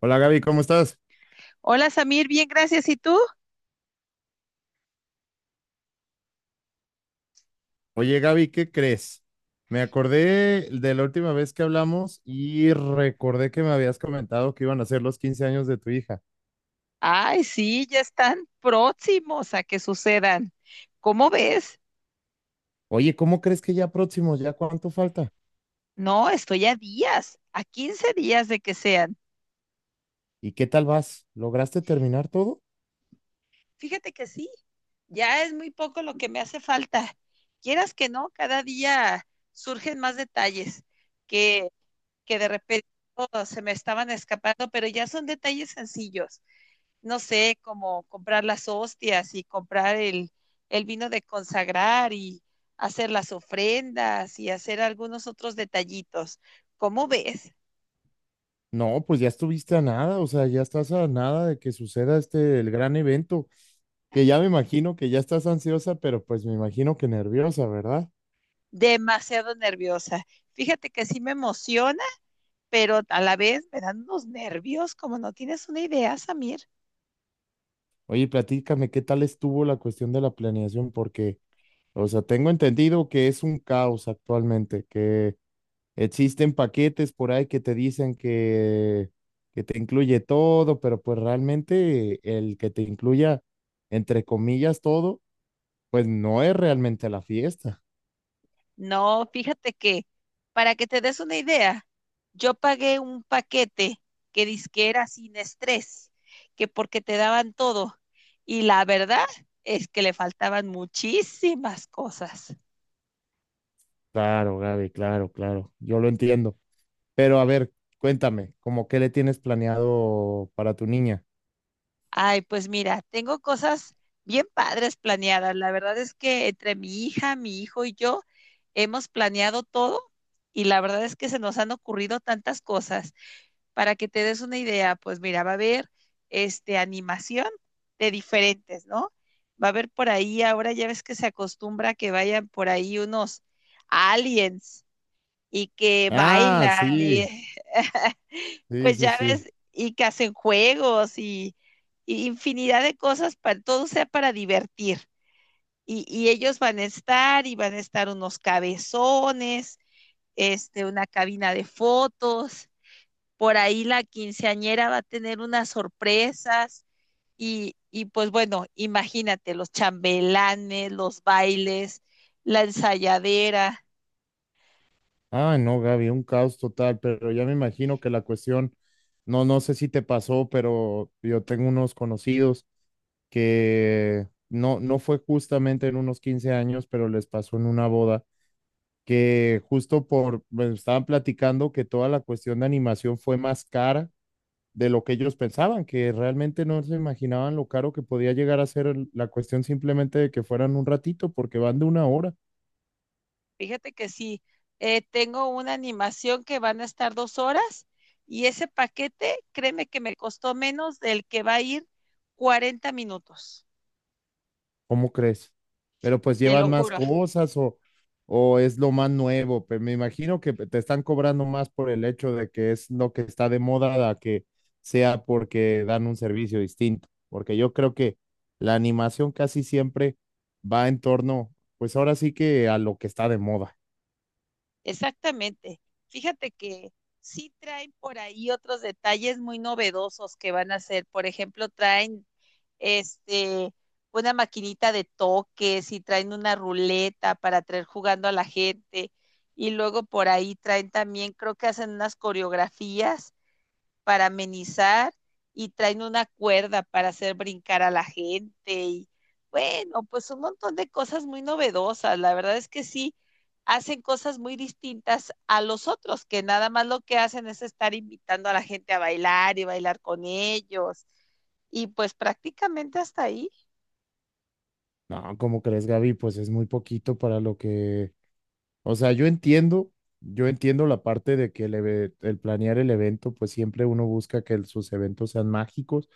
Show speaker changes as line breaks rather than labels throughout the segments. Hola Gaby, ¿cómo estás?
Hola Samir, bien, gracias. ¿Y tú?
Oye Gaby, ¿qué crees? Me acordé de la última vez que hablamos y recordé que me habías comentado que iban a ser los 15 años de tu hija.
Ay, sí, ya están próximos a que sucedan. ¿Cómo ves?
Oye, ¿cómo crees que ya próximos? ¿Ya cuánto falta?
No, estoy a días, a 15 días de que sean.
¿Y qué tal vas? ¿Lograste terminar todo?
Fíjate que sí, ya es muy poco lo que me hace falta. Quieras que no, cada día surgen más detalles que, que de repente oh, se me estaban escapando, pero ya son detalles sencillos. No sé, como comprar las hostias y comprar el vino de consagrar y hacer las ofrendas y hacer algunos otros detallitos. ¿Cómo ves?
No, pues ya estuviste a nada, o sea, ya estás a nada de que suceda el gran evento, que ya me imagino que ya estás ansiosa, pero pues me imagino que nerviosa, ¿verdad?
Demasiado nerviosa. Fíjate que sí me emociona, pero a la vez me dan unos nervios como no tienes una idea, Samir.
Oye, platícame, ¿qué tal estuvo la cuestión de la planeación? Porque... O sea, tengo entendido que es un caos actualmente, que existen paquetes por ahí que te dicen que te incluye todo, pero pues realmente el que te incluya, entre comillas, todo, pues no es realmente la fiesta.
No, para que te des una idea, yo pagué un paquete que dizque era sin estrés, que porque te daban todo. Y la verdad es que le faltaban muchísimas cosas.
Claro, Gaby, claro, claro, yo lo entiendo. Pero a ver, cuéntame, ¿cómo qué le tienes planeado para tu niña?
Ay, pues mira, tengo cosas bien padres planeadas. La verdad es que entre mi hija, mi hijo y yo hemos planeado todo y la verdad es que se nos han ocurrido tantas cosas. Para que te des una idea, pues mira, va a haber animación de diferentes, ¿no? Va a haber por ahí, ahora ya ves que se acostumbra que vayan por ahí unos aliens y que
Ah,
bailan y
sí, sí,
pues
sí,
ya
sí.
ves, y que hacen juegos y infinidad de cosas, para, todo sea para divertir. Y ellos van a estar y van a estar unos cabezones, este, una cabina de fotos, por ahí la quinceañera va a tener unas sorpresas y pues bueno, imagínate los chambelanes, los bailes, la ensayadera.
Ah, no, Gaby, un caos total, pero ya me imagino que la cuestión, no, no sé si te pasó, pero yo tengo unos conocidos que no, no fue justamente en unos 15 años, pero les pasó en una boda, que justo por, me estaban platicando que toda la cuestión de animación fue más cara de lo que ellos pensaban, que realmente no se imaginaban lo caro que podía llegar a ser la cuestión simplemente de que fueran un ratito, porque van de una hora.
Fíjate que sí, tengo una animación que van a estar 2 horas y ese paquete, créeme que me costó menos del que va a ir 40 minutos,
¿Cómo crees? Pero pues
te
llevan
lo
más
juro.
cosas o es lo más nuevo. Pero me imagino que te están cobrando más por el hecho de que es lo que está de moda a que sea porque dan un servicio distinto. Porque yo creo que la animación casi siempre va en torno, pues ahora sí que a lo que está de moda.
Exactamente. Fíjate que sí traen por ahí otros detalles muy novedosos que van a hacer. Por ejemplo, traen este una maquinita de toques y traen una ruleta para traer jugando a la gente. Y luego por ahí traen también, creo que hacen unas coreografías para amenizar y traen una cuerda para hacer brincar a la gente y bueno, pues un montón de cosas muy novedosas. La verdad es que sí, hacen cosas muy distintas a los otros, que nada más lo que hacen es estar invitando a la gente a bailar y bailar con ellos. Y pues prácticamente hasta ahí,
No, ¿cómo crees, Gaby? Pues es muy poquito para lo que... O sea, yo entiendo la parte de que el planear el evento, pues siempre uno busca que sus eventos sean mágicos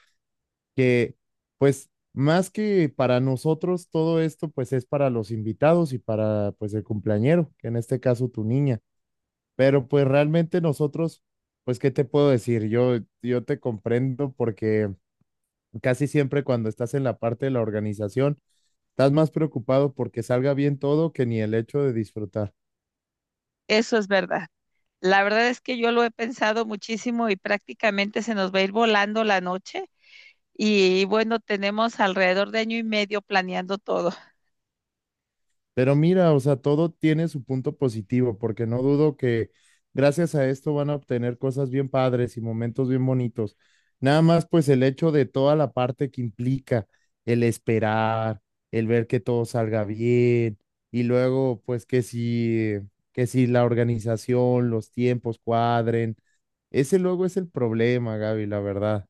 que pues más que para nosotros todo esto pues es para los invitados y para pues el cumpleañero, que en este caso tu niña, pero pues realmente nosotros pues qué te puedo decir, yo te comprendo porque casi siempre cuando estás en la parte de la organización estás más preocupado porque salga bien todo que ni el hecho de disfrutar.
eso es verdad. La verdad es que yo lo he pensado muchísimo y prácticamente se nos va a ir volando la noche. Y bueno, tenemos alrededor de año y medio planeando todo.
Pero mira, o sea, todo tiene su punto positivo, porque no dudo que gracias a esto van a obtener cosas bien padres y momentos bien bonitos. Nada más, pues el hecho de toda la parte que implica el esperar, el ver que todo salga bien y luego, pues que si la organización, los tiempos cuadren. Ese luego es el problema, Gaby, la verdad.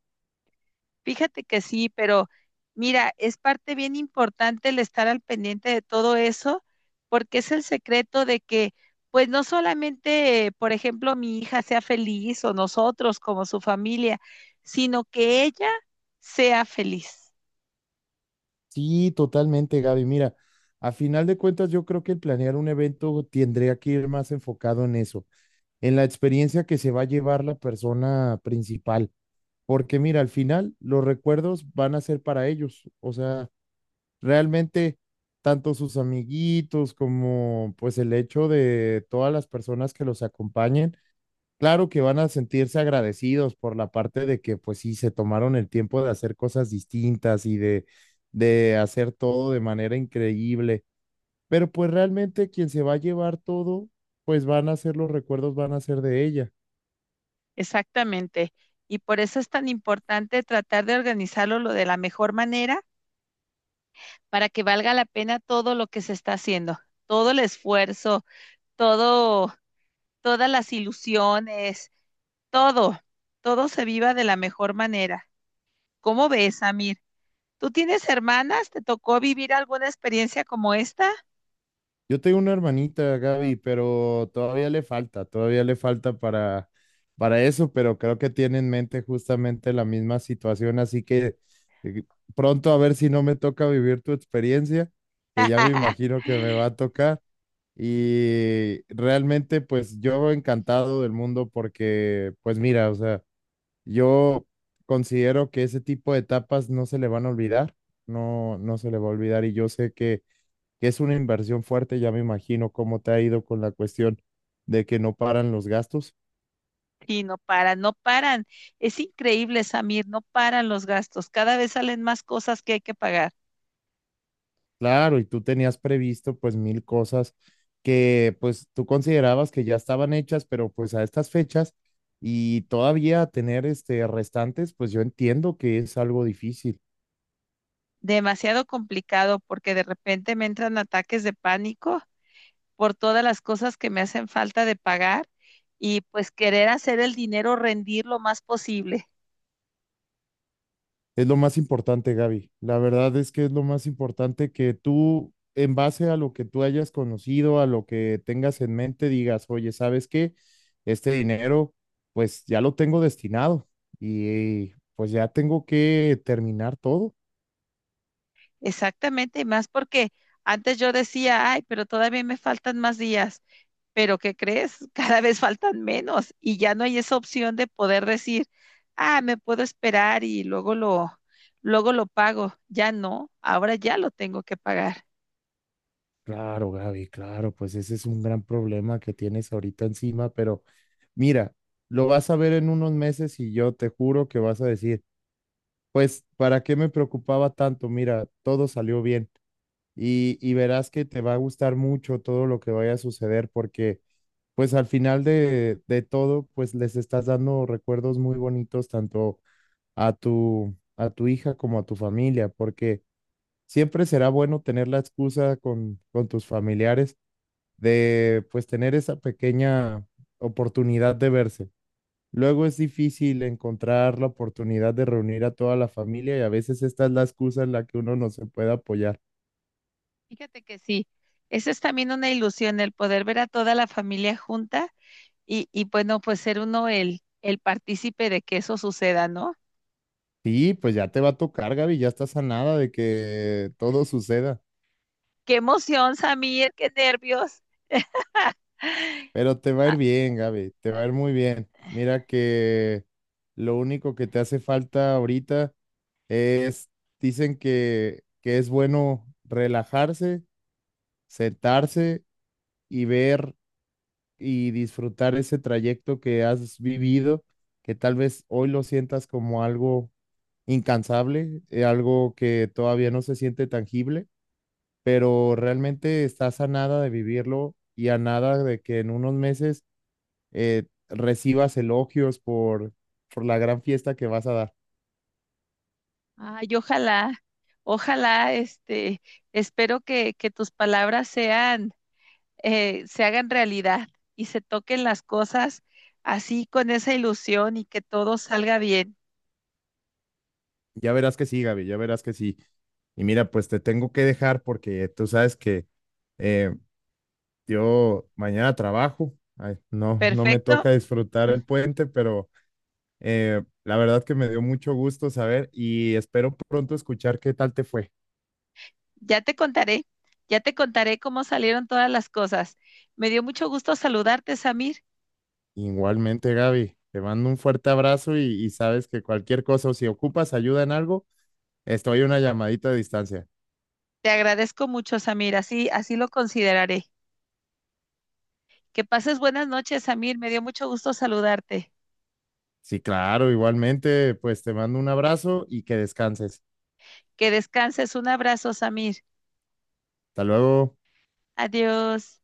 Fíjate que sí, pero mira, es parte bien importante el estar al pendiente de todo eso, porque es el secreto de que, pues no solamente, por ejemplo, mi hija sea feliz o nosotros como su familia, sino que ella sea feliz.
Sí, totalmente, Gaby. Mira, a final de cuentas, yo creo que el planear un evento tendría que ir más enfocado en eso, en la experiencia que se va a llevar la persona principal. Porque mira, al final los recuerdos van a ser para ellos. O sea, realmente, tanto sus amiguitos como pues el hecho de todas las personas que los acompañen. Claro que van a sentirse agradecidos por la parte de que, pues sí, se tomaron el tiempo de hacer cosas distintas y de hacer todo de manera increíble. Pero pues realmente quien se va a llevar todo, pues van a ser los recuerdos, van a ser de ella.
Exactamente. Y por eso es tan importante tratar de organizarlo lo de la mejor manera para que valga la pena todo lo que se está haciendo, todo el esfuerzo, todo, todas las ilusiones. Todo, todo se viva de la mejor manera. ¿Cómo ves, Amir? ¿Tú tienes hermanas? ¿Te tocó vivir alguna experiencia como esta?
Yo tengo una hermanita, Gaby, pero todavía le falta para, eso, pero creo que tiene en mente justamente la misma situación, así que eh, pronto a ver si no me toca vivir tu experiencia, que ya me imagino que me va a tocar. Y realmente, pues yo encantado del mundo porque, pues mira, o sea, yo considero que ese tipo de etapas no se le van a olvidar, no, no se le va a olvidar y yo sé que es una inversión fuerte, ya me imagino cómo te ha ido con la cuestión de que no paran los gastos.
Y no paran, no paran. Es increíble, Samir, no paran los gastos. Cada vez salen más cosas que hay que pagar.
Claro, y tú tenías previsto pues mil cosas que pues tú considerabas que ya estaban hechas, pero pues a estas fechas y todavía tener restantes, pues yo entiendo que es algo difícil.
Demasiado complicado porque de repente me entran ataques de pánico por todas las cosas que me hacen falta de pagar y pues querer hacer el dinero rendir lo más posible.
Es lo más importante, Gaby. La verdad es que es lo más importante que tú, en base a lo que tú hayas conocido, a lo que tengas en mente, digas, oye, ¿sabes qué? Este dinero pues ya lo tengo destinado y pues ya tengo que terminar todo.
Exactamente, y más porque antes yo decía, ay, pero todavía me faltan más días, pero ¿qué crees? Cada vez faltan menos y ya no hay esa opción de poder decir, ah, me puedo esperar y luego lo pago. Ya no, ahora ya lo tengo que pagar.
Claro, Gaby, claro, pues ese es un gran problema que tienes ahorita encima, pero mira, lo vas a ver en unos meses y yo te juro que vas a decir, pues, ¿para qué me preocupaba tanto? Mira, todo salió bien y verás que te va a gustar mucho todo lo que vaya a suceder porque, pues, al final de todo, pues, les estás dando recuerdos muy bonitos tanto a tu hija como a tu familia, porque siempre será bueno tener la excusa con tus familiares de pues tener esa pequeña oportunidad de verse. Luego es difícil encontrar la oportunidad de reunir a toda la familia y a veces esta es la excusa en la que uno no se puede apoyar.
Fíjate que sí, esa es también una ilusión, el poder ver a toda la familia junta y bueno, pues ser uno el partícipe de que eso suceda, ¿no?
Sí, pues ya te va a tocar, Gaby, ya estás a nada de que todo suceda,
Qué emoción, Samir, qué nervios.
pero te va a ir
Ah,
bien, Gaby, te va a ir muy bien. Mira que lo único que te hace falta ahorita es, dicen que es bueno relajarse, sentarse y ver y disfrutar ese trayecto que has vivido, que tal vez hoy lo sientas como algo incansable, algo que todavía no se siente tangible, pero realmente estás a nada de vivirlo y a nada de que en unos meses recibas elogios por la gran fiesta que vas a dar.
ay, ojalá, ojalá, espero que tus palabras sean, se hagan realidad y se toquen las cosas así con esa ilusión y que todo salga bien.
Ya verás que sí, Gaby, ya verás que sí. Y mira, pues te tengo que dejar porque tú sabes que eh, yo mañana trabajo. Ay, no, no me
Perfecto.
toca disfrutar el puente, pero la verdad que me dio mucho gusto saber y espero pronto escuchar qué tal te fue.
Ya te contaré, ya te contaré cómo salieron todas las cosas. Me dio mucho gusto saludarte, Samir.
Igualmente, Gaby, te mando un fuerte abrazo y sabes que cualquier cosa o si ocupas ayuda en algo, estoy a una llamadita de distancia.
Te agradezco mucho, Samir. Así, así lo consideraré. Que pases buenas noches, Samir. Me dio mucho gusto saludarte.
Sí, claro, igualmente, pues te mando un abrazo y que descanses.
Que descanses. Un abrazo, Samir.
Hasta luego.
Adiós.